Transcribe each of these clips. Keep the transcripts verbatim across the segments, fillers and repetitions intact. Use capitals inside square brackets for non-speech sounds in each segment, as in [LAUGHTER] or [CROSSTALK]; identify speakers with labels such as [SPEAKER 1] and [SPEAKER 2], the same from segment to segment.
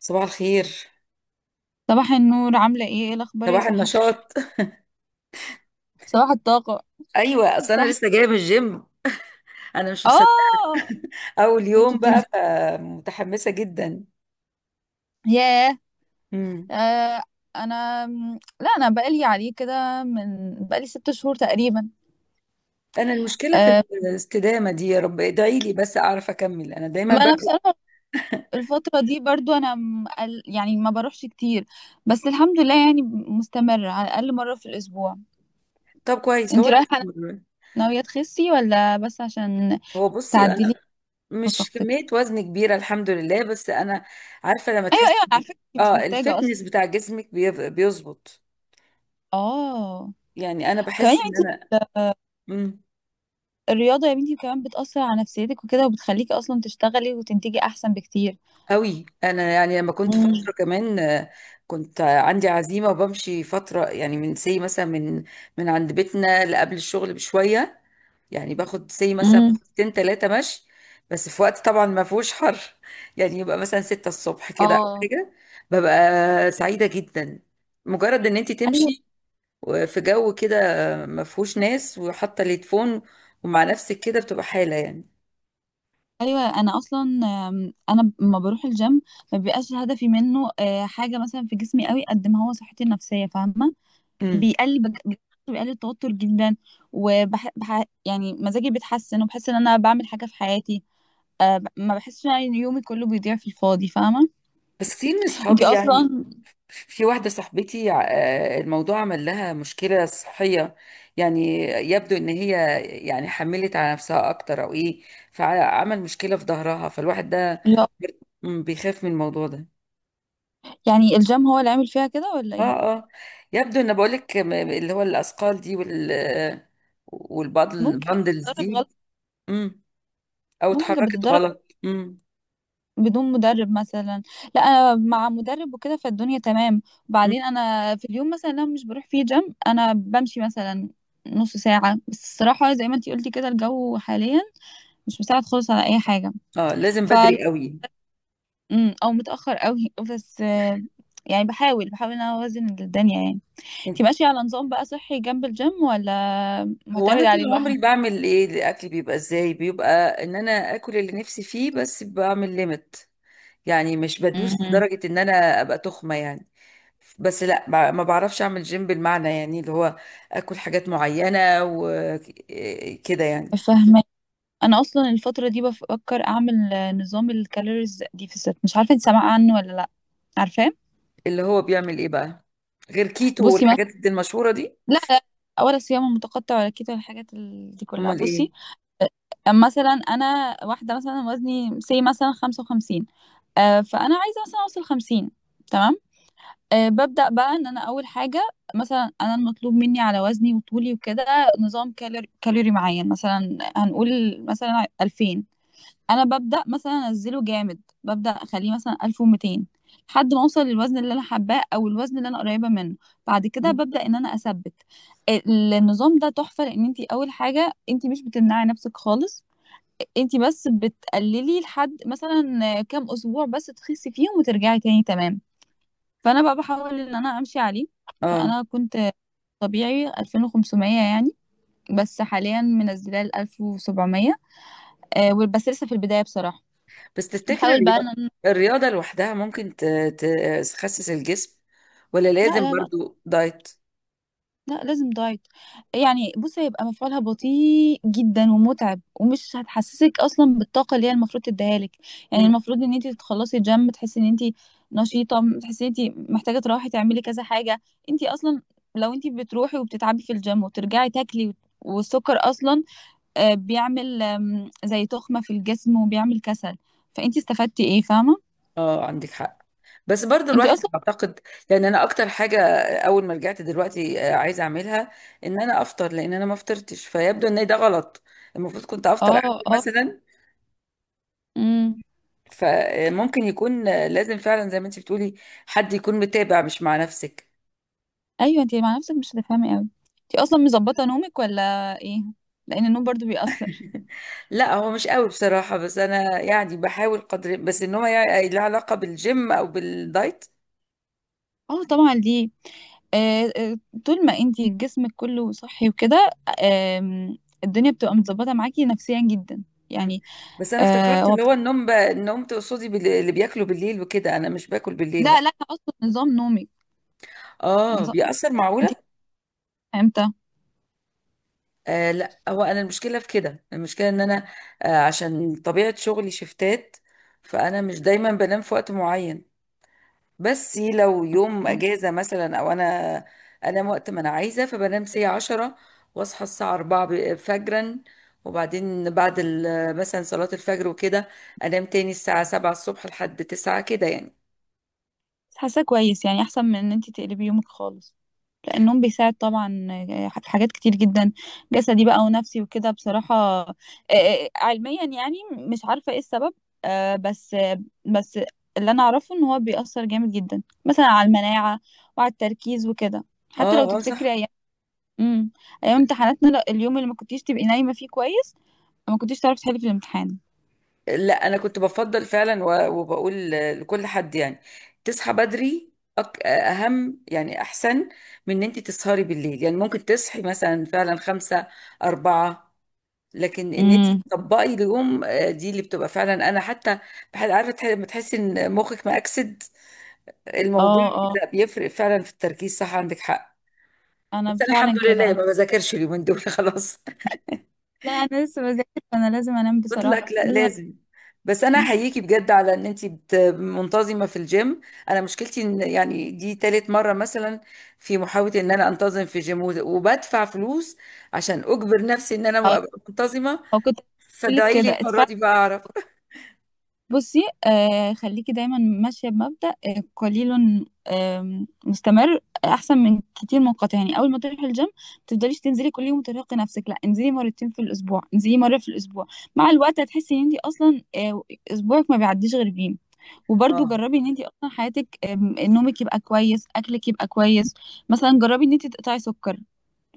[SPEAKER 1] صباح الخير.
[SPEAKER 2] صباح النور، عاملة ايه ايه الأخبار يا
[SPEAKER 1] صباح
[SPEAKER 2] سحر؟ [LAUGHS]
[SPEAKER 1] النشاط.
[SPEAKER 2] صباح الطاقة.
[SPEAKER 1] ايوه، اصل انا
[SPEAKER 2] صح.
[SPEAKER 1] لسه جايه من الجيم. انا مش مصدقه.
[SPEAKER 2] اه.
[SPEAKER 1] [LAUGHS] اول
[SPEAKER 2] انت
[SPEAKER 1] يوم
[SPEAKER 2] بتنزلي؟
[SPEAKER 1] بقى، فمتحمسه جدا.
[SPEAKER 2] ياه.
[SPEAKER 1] امم.
[SPEAKER 2] آه، انا م- لا، انا بقالي عليه كده، من بقالي ست شهور تقريبا.
[SPEAKER 1] انا المشكله في
[SPEAKER 2] آه.
[SPEAKER 1] الاستدامه دي، يا رب ادعي لي بس اعرف اكمل، انا دايما
[SPEAKER 2] ما
[SPEAKER 1] ببدا.
[SPEAKER 2] انا بصراحة الفترة دي برضو انا م- قل- يعني ما بروحش كتير، بس الحمد لله يعني مستمرة على الأقل مرة في الأسبوع.
[SPEAKER 1] طب كويس هو
[SPEAKER 2] انت
[SPEAKER 1] اللي
[SPEAKER 2] رايحة
[SPEAKER 1] استمر.
[SPEAKER 2] ناوية تخسي، ولا بس عشان
[SPEAKER 1] هو بصي، انا
[SPEAKER 2] تعدلي
[SPEAKER 1] مش
[SPEAKER 2] طاقتك؟
[SPEAKER 1] كميه وزن كبيره الحمد لله، بس انا عارفه لما
[SPEAKER 2] ايوه
[SPEAKER 1] تحس.
[SPEAKER 2] ايوه على فكرة انت مش
[SPEAKER 1] اه،
[SPEAKER 2] محتاجة اصلا.
[SPEAKER 1] الفتنس بتاع جسمك بيف- بيظبط.
[SPEAKER 2] اه.
[SPEAKER 1] يعني انا
[SPEAKER 2] وكمان
[SPEAKER 1] بحس ان انا
[SPEAKER 2] يعني
[SPEAKER 1] مم.
[SPEAKER 2] الرياضة يا بنتي كمان بتأثر على نفسيتك وكده، وبتخليكي أصلا تشتغلي وتنتجي أحسن بكتير.
[SPEAKER 1] قوي. انا يعني لما كنت
[SPEAKER 2] امم
[SPEAKER 1] فتره كمان، آه، كنت عندي عزيمه وبمشي فتره، يعني من سي مثلا، من من عند بيتنا لقبل الشغل بشويه. يعني باخد سي مثلا
[SPEAKER 2] امم
[SPEAKER 1] ساعتين ثلاثه مشي. بس في وقت طبعا ما فيهوش حر. [LAUGHS] يعني يبقى مثلا ستة الصبح كده أو
[SPEAKER 2] اه.
[SPEAKER 1] حاجه. ببقى سعيده جدا، مجرد ان انت
[SPEAKER 2] ايوه
[SPEAKER 1] تمشي في جو كده ما فيهوش ناس، وحاطه الهيدفون ومع نفسك كده، بتبقى حاله يعني.
[SPEAKER 2] ايوه انا اصلا آم، انا لما بروح الجيم ما بيبقاش هدفي منه آه، حاجه مثلا في جسمي قوي، قد ما هو صحتي النفسيه، فاهمه؟ بيقلل بج... بيقلل التوتر جدا، وبح... بح... يعني مزاجي بيتحسن، وبحس ان انا بعمل حاجه في حياتي. أه ب- ما بحسش ان يومي كله بيضيع في الفاضي، فاهمه؟
[SPEAKER 1] بس كتير من
[SPEAKER 2] انتي
[SPEAKER 1] صحابي يعني،
[SPEAKER 2] اصلا
[SPEAKER 1] في واحدة صاحبتي، آه، الموضوع عمل لها مشكلة صحية. يعني يبدو ان هي يعني حملت على نفسها اكتر او ايه، فعمل مشكلة في ظهرها، فالواحد ده
[SPEAKER 2] يا-
[SPEAKER 1] م- بيخاف من الموضوع ده.
[SPEAKER 2] يعني الجيم هو اللي عامل فيها كده، ولا
[SPEAKER 1] اه
[SPEAKER 2] ايه؟
[SPEAKER 1] اه. يبدو ان، بقولك، م- اللي هو الاثقال دي وال
[SPEAKER 2] ممكن
[SPEAKER 1] والبندلز
[SPEAKER 2] تجرب.
[SPEAKER 1] دي. مم. او
[SPEAKER 2] ممكن كانت
[SPEAKER 1] اتحركت
[SPEAKER 2] بتتدرب
[SPEAKER 1] غلط. مم.
[SPEAKER 2] بدون مدرب مثلا. لا انا مع مدرب وكده، فالدنيا تمام.
[SPEAKER 1] مم.
[SPEAKER 2] وبعدين انا في اليوم مثلا لو مش بروح فيه جيم انا بمشي مثلا نص ساعة بس. الصراحة زي ما انتي قلتي كده الجو حاليا مش مساعد خالص على اي حاجة.
[SPEAKER 1] اه لازم
[SPEAKER 2] ف
[SPEAKER 1] بدري قوي.
[SPEAKER 2] أمم، او متأخر قوي. [LAUGHS] بس آه، يعني بحاول بحاول ان انا اوازن الدنيا يعني. انتي ماشية على نظام بقى صحي جنب الجيم، ولا
[SPEAKER 1] هو
[SPEAKER 2] معتمد
[SPEAKER 1] انا
[SPEAKER 2] عليه
[SPEAKER 1] طول
[SPEAKER 2] لوحده؟
[SPEAKER 1] عمري بعمل ايه، الاكل بيبقى ازاي، بيبقى ان انا اكل اللي نفسي فيه بس بعمل ليميت. يعني مش بدوس
[SPEAKER 2] امم.
[SPEAKER 1] لدرجة ان انا ابقى تخمة يعني. بس لا، ما ما بعرفش اعمل جيم بالمعنى، يعني اللي هو اكل حاجات معينة وكده يعني.
[SPEAKER 2] انا اصلا الفتره دي بفكر اعمل آه، نظام الكالوريز ديفيسيت، مش عارفه انت سامعه عنه ولا لا. عارفاه.
[SPEAKER 1] اللي هو بيعمل ايه بقى، غير كيتو
[SPEAKER 2] بصي مثلا.
[SPEAKER 1] والحاجات دي المشهورة دي؟
[SPEAKER 2] لا لا، ولا صيام متقطع ولا كده الحاجات ال- دي كلها.
[SPEAKER 1] امال ايه؟
[SPEAKER 2] بصي آه، مثلا انا واحده مثلا وزني سي مثلا خمسة وخمسين، آه، فانا عايزه مثلا اوصل خمسين، تمام؟ آه، ببدا بقى ان انا اول حاجه مثلا انا المطلوب مني على وزني وطولي وكده نظام كالوري, كالوري معين، مثلا هنقول مثلا ألفين. انا ببدا مثلا انزله جامد، ببدا اخليه مثلا ألف ومئتين لحد ما اوصل للوزن اللي انا حباه او الوزن اللي انا قريبه منه. بعد كده
[SPEAKER 1] مم.
[SPEAKER 2] ببدا ان انا اثبت. النظام ده تحفه، لان انت اول حاجه انت مش بتمنعي نفسك خالص، انت بس بتقللي لحد مثلا كام اسبوع بس تخسي فيهم وترجعي تاني، تمام؟ فانا بقى بحاول ان انا امشي عليه.
[SPEAKER 1] اه،
[SPEAKER 2] فانا كنت طبيعي ألفين وخمسمئة يعني، بس حاليا منزلاه ل ألف وسبعمية. آه، بس لسه في البدايه بصراحه.
[SPEAKER 1] بس تفتكر
[SPEAKER 2] بحاول بقى
[SPEAKER 1] الرياضة،
[SPEAKER 2] ان.
[SPEAKER 1] الرياضة لوحدها ممكن ت- ت- تخسس الجسم ولا
[SPEAKER 2] لا
[SPEAKER 1] لازم
[SPEAKER 2] لا لا
[SPEAKER 1] برضو دايت؟
[SPEAKER 2] لا، لازم دايت. يعني بص هيبقى مفعولها بطيء جدا ومتعب، ومش هتحسسك اصلا بالطاقه اللي هي المفروض تديها لك. يعني المفروض ان انت تخلصي جيم تحسي ان انت نشيطه، تحسي ان انت محتاجه تروحي تعملي كذا حاجه. انت اصلا لو انت بتروحي وبتتعبي في الجيم وترجعي تاكلي وت- والسكر اصلا آه، بيعمل آم، زي تخمه في الجسم وبيعمل كسل، فانت استفدتي ايه؟ فاهمه؟
[SPEAKER 1] اه عندك حق. بس برضو
[SPEAKER 2] انت
[SPEAKER 1] الواحد
[SPEAKER 2] اصلا.
[SPEAKER 1] اعتقد، يعني انا اكتر حاجه اول ما رجعت دلوقتي، آه، عايزه اعملها ان انا افطر، لان انا ما فطرتش فيبدو ان ده غلط. المفروض كنت افطر
[SPEAKER 2] اه
[SPEAKER 1] قبل
[SPEAKER 2] اه.
[SPEAKER 1] مثلا.
[SPEAKER 2] إمم.
[SPEAKER 1] فممكن يكون، آه، لازم فعلا زي ما انت بتقولي، حد يكون متابع مش مع نفسك.
[SPEAKER 2] ايوه، انتي مع نفسك مش هتفهمي قوي. انتي اصلا مظبطه نومك ولا ايه؟ لان النوم برضو بيأثر.
[SPEAKER 1] [LAUGHS] لا، هو مش قوي بصراحه، بس انا يعني بحاول قدر، بس ان هو يعني له علاقه بالجيم او بالدايت.
[SPEAKER 2] اه طبعا ليه. آه آه، طول ما انتي جسمك كله صحي وكده آم، الدنيا بتبقى متظبطه معاكي نفسيا جدا
[SPEAKER 1] مم.
[SPEAKER 2] يعني.
[SPEAKER 1] بس انا
[SPEAKER 2] آه
[SPEAKER 1] افتكرت
[SPEAKER 2] هو
[SPEAKER 1] اللي
[SPEAKER 2] بت...
[SPEAKER 1] هو النوم، ب... النوم تقصدي بال- اللي بياكلوا بالليل وكده، انا مش باكل بالليل
[SPEAKER 2] لا
[SPEAKER 1] لا.
[SPEAKER 2] لا، اصلا نظام نومك.
[SPEAKER 1] اه
[SPEAKER 2] نظام.
[SPEAKER 1] بيأثر،
[SPEAKER 2] انتي
[SPEAKER 1] معقولة؟
[SPEAKER 2] بتصحي امتى؟
[SPEAKER 1] آه لا، هو انا المشكلة في كده، المشكلة ان انا، آه عشان طبيعة شغلي شفتات، فانا مش دايما بنام في وقت معين. بس لو يوم
[SPEAKER 2] بس
[SPEAKER 1] اجازة مثلا، او انا انام وقت ما انا عايزة، فبنام ساعة عشرة، واصحى الساعة أربعة ب- فجرا. وبعدين بعد ال- مثلا صلاة الفجر وكده، انام تاني الساعة سبعة الصبح لحد تسعة كده يعني.
[SPEAKER 2] حاسه كويس يعني، احسن من ان انتي تقلبي يومك خالص. النوم بيساعد طبعا في حاجات كتير جدا، جسدي بقى ونفسي وكده. بصراحة آه، آه، علميا يعني مش عارفة ايه السبب، آه، بس آه، بس اللي انا اعرفه ان هو بيأثر جامد جدا مثلا على المناعة وعلى التركيز وكده. حتى لو
[SPEAKER 1] اه اه
[SPEAKER 2] تفتكري
[SPEAKER 1] صح.
[SPEAKER 2] ايام. امم. ايام امتحاناتنا، لا، اليوم اللي ما كنتيش تبقي نايمة فيه كويس ما كنتيش تعرفي تحلي في الامتحان.
[SPEAKER 1] لا انا كنت بفضل فعلا، و- وبقول لكل حد يعني تصحى بدري، أك- اهم يعني احسن من ان انت تسهري بالليل، يعني ممكن تصحي مثلا فعلا خمسة، اربعة، لكن ان انت
[SPEAKER 2] امم.
[SPEAKER 1] تطبقي اليوم، آه، دي اللي بتبقى فعلا. انا حتى بحد عارفه، تح- لما تحسي ان مخك مأكسد الموضوع،
[SPEAKER 2] اه اه.
[SPEAKER 1] لا بيفرق فعلا في التركيز، صح عندك حق.
[SPEAKER 2] انا
[SPEAKER 1] بس انا الحمد
[SPEAKER 2] فعلا كده
[SPEAKER 1] لله
[SPEAKER 2] انا.
[SPEAKER 1] ما بذاكرش اليومين دول [LAUGHS] خلاص.
[SPEAKER 2] لا انا لسه بذاكر، فانا لازم انام بصراحة،
[SPEAKER 1] مطلق، لا
[SPEAKER 2] لازم انام.
[SPEAKER 1] لازم. بس انا احييكي بجد على ان انتي بت- منتظمه في الجيم. انا مشكلتي ان يعني دي تالت مره مثلا في محاوله ان انا انتظم في الجيم، وده- وبدفع فلوس عشان اجبر نفسي ان انا
[SPEAKER 2] او
[SPEAKER 1] ابقى منتظمه.
[SPEAKER 2] أو كنت اقول لك
[SPEAKER 1] فادعي لي
[SPEAKER 2] كده.
[SPEAKER 1] المره دي بقى اعرف. [LAUGHS]
[SPEAKER 2] بصي آه، خليكي دايما ماشية بمبدأ آه قليل آه مستمر، أحسن من كتير منقطع. يعني أول ما تروحي الجيم ما تفضليش تنزلي كل يوم وترهقي نفسك، لا، انزلي مرتين في الأسبوع، انزلي مرة في الأسبوع. مع الوقت هتحسي إن انتي أصلا آه أسبوعك ما بيعديش غير بيه. وبرضه
[SPEAKER 1] اه،
[SPEAKER 2] جربي إن انتي أصلا حياتك آه نومك يبقى كويس، أكلك يبقى كويس. مثلا جربي إن انتي تقطعي سكر.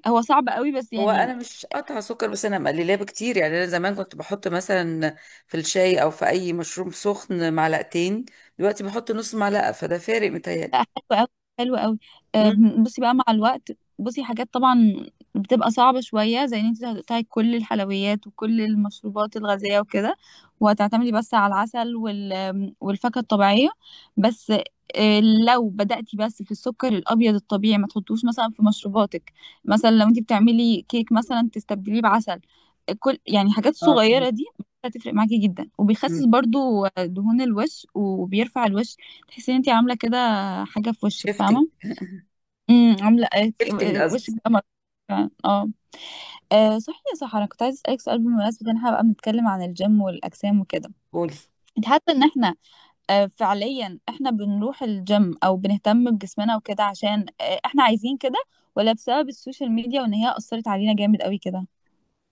[SPEAKER 2] هو صعب قوي بس
[SPEAKER 1] هو
[SPEAKER 2] يعني.
[SPEAKER 1] انا مش قطع سكر، بس انا مقللاه بكتير، يعني انا زمان كنت بحط مثلا في الشاي او في اي مشروب سخن معلقتين. دلوقتي بحط نص معلقه، فده فارق متهيألي.
[SPEAKER 2] لا، حلو قوي، حلو قوي. آه،
[SPEAKER 1] مم.
[SPEAKER 2] بصي بقى مع الوقت. بصي حاجات طبعا بتبقى صعبة شوية، زي ان انت هتقطعي كل الحلويات وكل المشروبات الغازية وكده، وهتعتمدي بس على العسل وال والفاكهة الطبيعية. بس آه، لو بدأتي بس في السكر الأبيض الطبيعي ما تحطوش مثلا في مشروباتك، مثلا لو انت بتعملي كيك مثلا تستبدليه بعسل، كل يعني حاجات
[SPEAKER 1] اه فهمت.
[SPEAKER 2] صغيرة دي هتفرق معاكي جدا. وبيخسس برضو دهون الوش وبيرفع الوش، تحسي ان انت عامله كده حاجه في وشك،
[SPEAKER 1] شيفتنج،
[SPEAKER 2] فاهمه؟ امم. عامله ايه ك-
[SPEAKER 1] شيفتنج
[SPEAKER 2] آه، وشك
[SPEAKER 1] قصدي.
[SPEAKER 2] بقى مر- فعلا. اه. آه، صحيح يا سحر، انا كنت عايزه اسالك سؤال بمناسبه ان احنا بقى بنتكلم عن الجيم والاجسام وكده.
[SPEAKER 1] قولي.
[SPEAKER 2] انت حاسه ان احنا آه، فعليا احنا بنروح الجيم او بنهتم بجسمنا وكده عشان آه، احنا عايزين كده، ولا بسبب السوشيال ميديا وان هي اثرت علينا جامد قوي كده؟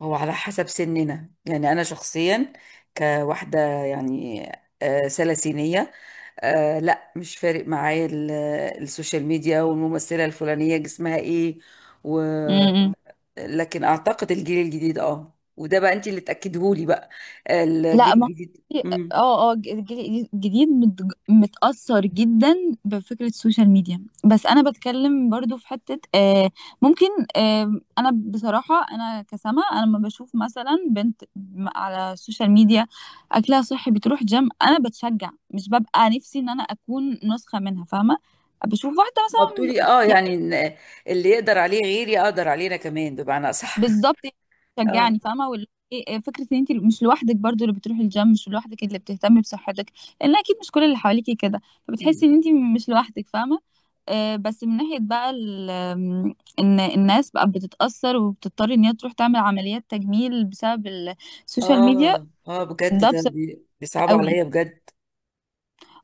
[SPEAKER 1] هو على حسب سننا، يعني أنا شخصيا كواحدة يعني، آه، سلاسينية، آه، لا مش فارق معايا ال- آه، السوشيال ميديا والممثلة الفلانية جسمها ايه و...
[SPEAKER 2] امم.
[SPEAKER 1] لكن أعتقد الجيل الجديد، اه وده بقى انت اللي تأكدهولي بقى، الجيل
[SPEAKER 2] لا، ما
[SPEAKER 1] الجديد.
[SPEAKER 2] في-
[SPEAKER 1] امم.
[SPEAKER 2] اه اه، الجيل الجديد متج- متأثر جدا بفكرة السوشيال ميديا، بس انا بتكلم برضو في حتة آه ممكن. آه انا بصراحة انا كسما انا لما بشوف مثلا بنت م- على السوشيال ميديا اكلها صحي بتروح جيم، انا بتشجع، مش ببقى نفسي ان انا اكون نسخة منها، فاهمة؟ بشوف واحدة
[SPEAKER 1] هو بتقولي
[SPEAKER 2] مثلا.
[SPEAKER 1] اه، يعني إن اللي يقدر عليه غيري أقدر علينا كمان، بمعنى أصح. [LAUGHS]
[SPEAKER 2] بالظبط،
[SPEAKER 1] اه.
[SPEAKER 2] شجعني فاهمه، وال... إيه- إيه فكره ان انت مش لوحدك، برضو اللي بتروحي الجيم مش لوحدك، اللي بتهتمي بصحتك لان اكيد مش كل اللي حواليكي كده، فبتحسي
[SPEAKER 1] مم.
[SPEAKER 2] ان انت مش لوحدك، فاهمه؟ آه، بس من ناحيه بقى ال... آم، ان الناس بقى بتتاثر وبتضطر ان هي تروح تعمل عمليات تجميل بسبب السوشيال ميديا،
[SPEAKER 1] اه اه بجد،
[SPEAKER 2] ده
[SPEAKER 1] ده
[SPEAKER 2] بصراحه
[SPEAKER 1] بي- بيصعبوا
[SPEAKER 2] قوي.
[SPEAKER 1] عليا بجد.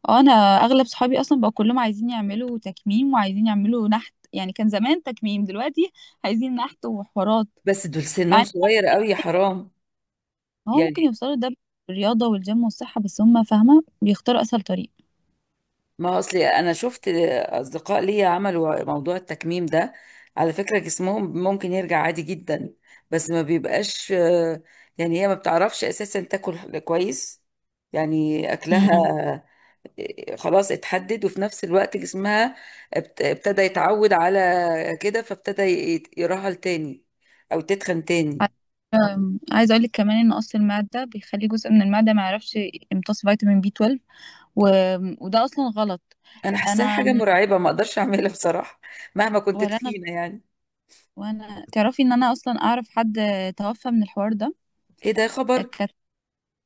[SPEAKER 2] اه، انا اغلب صحابي اصلا بقى كلهم عايزين يعملوا تكميم وعايزين يعملوا نحت، يعني كان زمان تكميم، دلوقتي عايزين نحت وحوارات.
[SPEAKER 1] بس دول سنهم صغير قوي يا حرام
[SPEAKER 2] هو ممكن
[SPEAKER 1] يعني.
[SPEAKER 2] يوصلوا ده بالرياضة والجيم والصحة، بس هم فاهمة بيختاروا أسهل طريق.
[SPEAKER 1] ما اصلي انا شفت اصدقاء ليا عملوا موضوع التكميم ده، على فكرة جسمهم ممكن يرجع عادي جدا، بس ما بيبقاش، آه، يعني هي ما بتعرفش اساسا تاكل كويس. يعني
[SPEAKER 2] امم.
[SPEAKER 1] اكلها، آه، خلاص اتحدد، وفي نفس الوقت جسمها ابت- ابتدى يتعود على كده، فابتدى ي- يرهل تاني او تتخن تاني.
[SPEAKER 2] أم، عايزة أقولك كمان إن قص المعدة بيخلي جزء من المعدة ما يعرفش يمتص فيتامين بي اثنا عشر و... وده أصلا غلط.
[SPEAKER 1] انا حاساها حاجة
[SPEAKER 2] أنا،
[SPEAKER 1] مرعبة ما اقدرش اعملها بصراحة، مهما كنت
[SPEAKER 2] ولا أنا
[SPEAKER 1] تخينة يعني.
[SPEAKER 2] وأنا تعرفي إن أنا أصلا أعرف حد توفى من الحوار ده.
[SPEAKER 1] ايه ده خبر!
[SPEAKER 2] كانت،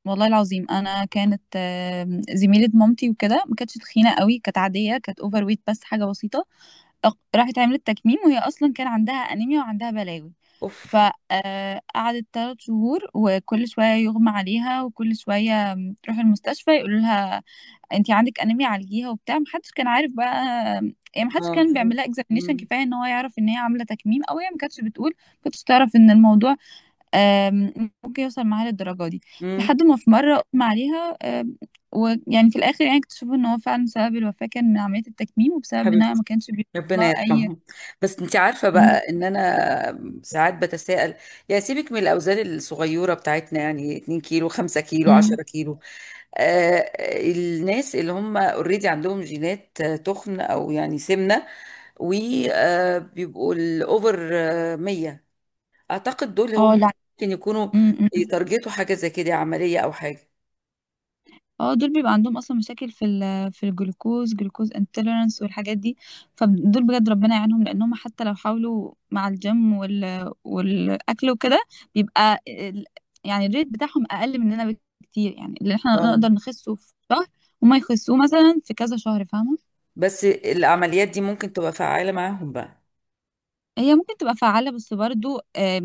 [SPEAKER 2] والله العظيم أنا كانت آم، زميلة مامتي وكده، ما كانتش تخينة قوي، كانت عادية كانت أوفر ويت بس، حاجة بسيطة. أق- راحت عملت تكميم، وهي اصلا كان عندها انيميا وعندها بلاوي.
[SPEAKER 1] اوف.
[SPEAKER 2] فقعدت ثلاث شهور، وكل شويه يغمى عليها، وكل شويه تروح المستشفى يقولوا لها انت عندك انيميا عالجيها وبتاع، محدش كان عارف بقى، يعني محدش
[SPEAKER 1] اه
[SPEAKER 2] كان
[SPEAKER 1] فهمت.
[SPEAKER 2] بيعمل لها اكزامينيشن
[SPEAKER 1] امم
[SPEAKER 2] كفايه ان هو يعرف ان هي عامله تكميم، او هي ما كانتش بتقول، ما كانتش تعرف ان الموضوع آم، ممكن يوصل معاها للدرجه دي.
[SPEAKER 1] امم.
[SPEAKER 2] لحد ما في مره اغمى عليها آم، ويعني في الاخر يعني اكتشفوا ان هو فعلا سبب الوفاه كان من عمليه التكميم، وبسبب انها
[SPEAKER 1] حبيبتي،
[SPEAKER 2] ما كانش
[SPEAKER 1] ربنا
[SPEAKER 2] بيطلع اي.
[SPEAKER 1] يرحمها. بس انت عارفه
[SPEAKER 2] امم
[SPEAKER 1] بقى ان انا ساعات بتساءل، يا سيبك من الاوزان الصغيره بتاعتنا يعني 2 كيلو 5 كيلو
[SPEAKER 2] امم
[SPEAKER 1] 10 كيلو، آه الناس اللي هم اوريدي عندهم جينات، آه، تخن او يعني سمنه، وبيبقوا الاوفر مية، اعتقد دول هم
[SPEAKER 2] اه. لا.
[SPEAKER 1] ممكن يكونوا
[SPEAKER 2] امم امم.
[SPEAKER 1] يتارجتوا حاجه زي كده، عمليه او حاجه.
[SPEAKER 2] اه، دول بيبقى عندهم اصلا مشاكل في ال في الجلوكوز، جلوكوز انتوليرانس والحاجات دي. فدول بجد ربنا يعينهم، لانهم حتى لو حاولوا مع الجيم وال والاكل وكده، بيبقى ال- يعني الريت بتاعهم اقل مننا بكتير. يعني اللي احنا
[SPEAKER 1] اه
[SPEAKER 2] نقدر نخسه في شهر، هما يخسوه مثلا في كذا شهر، فاهمة؟
[SPEAKER 1] بس العمليات دي ممكن تبقى فعالة معاهم بقى.
[SPEAKER 2] هي ممكن تبقى فعالة بس برضو آه،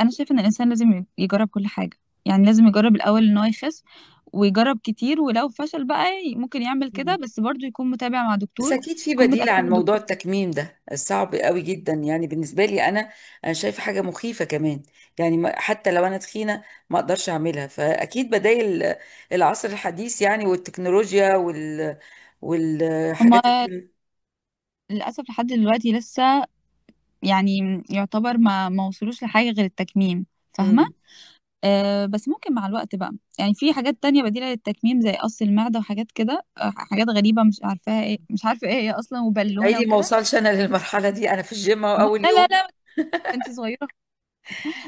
[SPEAKER 2] أنا شايفة إن الإنسان لازم يجرب كل حاجة. يعني لازم يجرب الأول إن هو يخس، ويجرب كتير، ولو فشل بقى ي- ممكن يعمل كده،
[SPEAKER 1] مم.
[SPEAKER 2] بس برضو يكون متابع مع
[SPEAKER 1] بس
[SPEAKER 2] دكتور،
[SPEAKER 1] اكيد في
[SPEAKER 2] يكون
[SPEAKER 1] بديل
[SPEAKER 2] متأكد من
[SPEAKER 1] عن موضوع
[SPEAKER 2] الدكتور.
[SPEAKER 1] التكميم ده، صعب قوي جدا يعني بالنسبه لي انا. انا شايفه حاجه مخيفه كمان، يعني، ما- حتى لو انا تخينه ما اقدرش اعملها، فاكيد بدائل العصر الحديث، يعني والتكنولوجيا وال
[SPEAKER 2] هما
[SPEAKER 1] والحاجات ال-
[SPEAKER 2] للأسف لحد دلوقتي لسه يعني يعتبر ما ما وصلوش لحاجة غير التكميم، فاهمة؟
[SPEAKER 1] مم.
[SPEAKER 2] أه، بس ممكن مع الوقت بقى يعني في حاجات تانية بديلة للتكميم، زي قص المعدة وحاجات كده آه، حاجات غريبة مش عارفاها ايه، مش عارفة ايه هي أصلا، وبالونة
[SPEAKER 1] عيني ما
[SPEAKER 2] وكده.
[SPEAKER 1] اوصلش انا للمرحله دي، انا في الجيم أهو
[SPEAKER 2] لا
[SPEAKER 1] اول
[SPEAKER 2] لا
[SPEAKER 1] يوم.
[SPEAKER 2] لا انت صغيرة.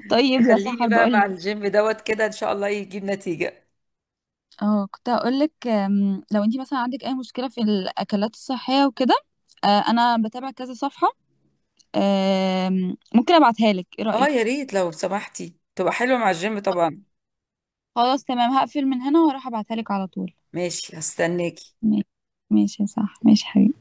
[SPEAKER 2] طيب يا
[SPEAKER 1] خليني
[SPEAKER 2] سحر
[SPEAKER 1] بقى
[SPEAKER 2] بقول
[SPEAKER 1] مع
[SPEAKER 2] لك،
[SPEAKER 1] الجيم دوت كده، ان شاء الله يجيب نتيجه.
[SPEAKER 2] اه كنت هقول لك، لو انت مثلا عندك اي مشكله في الاكلات الصحيه وكده آه، انا بتابع كذا صفحه آم، ممكن ابعتها لك، ايه
[SPEAKER 1] اه
[SPEAKER 2] رايك؟
[SPEAKER 1] يا ريت لو سمحتي، تبقى حلوه مع الجيم طبعا.
[SPEAKER 2] خلاص تمام، هقفل من هنا واروح ابعتها لك على طول.
[SPEAKER 1] ماشي هستناك.
[SPEAKER 2] ماشي. ماشي يا سحر، ماشي حبيبي.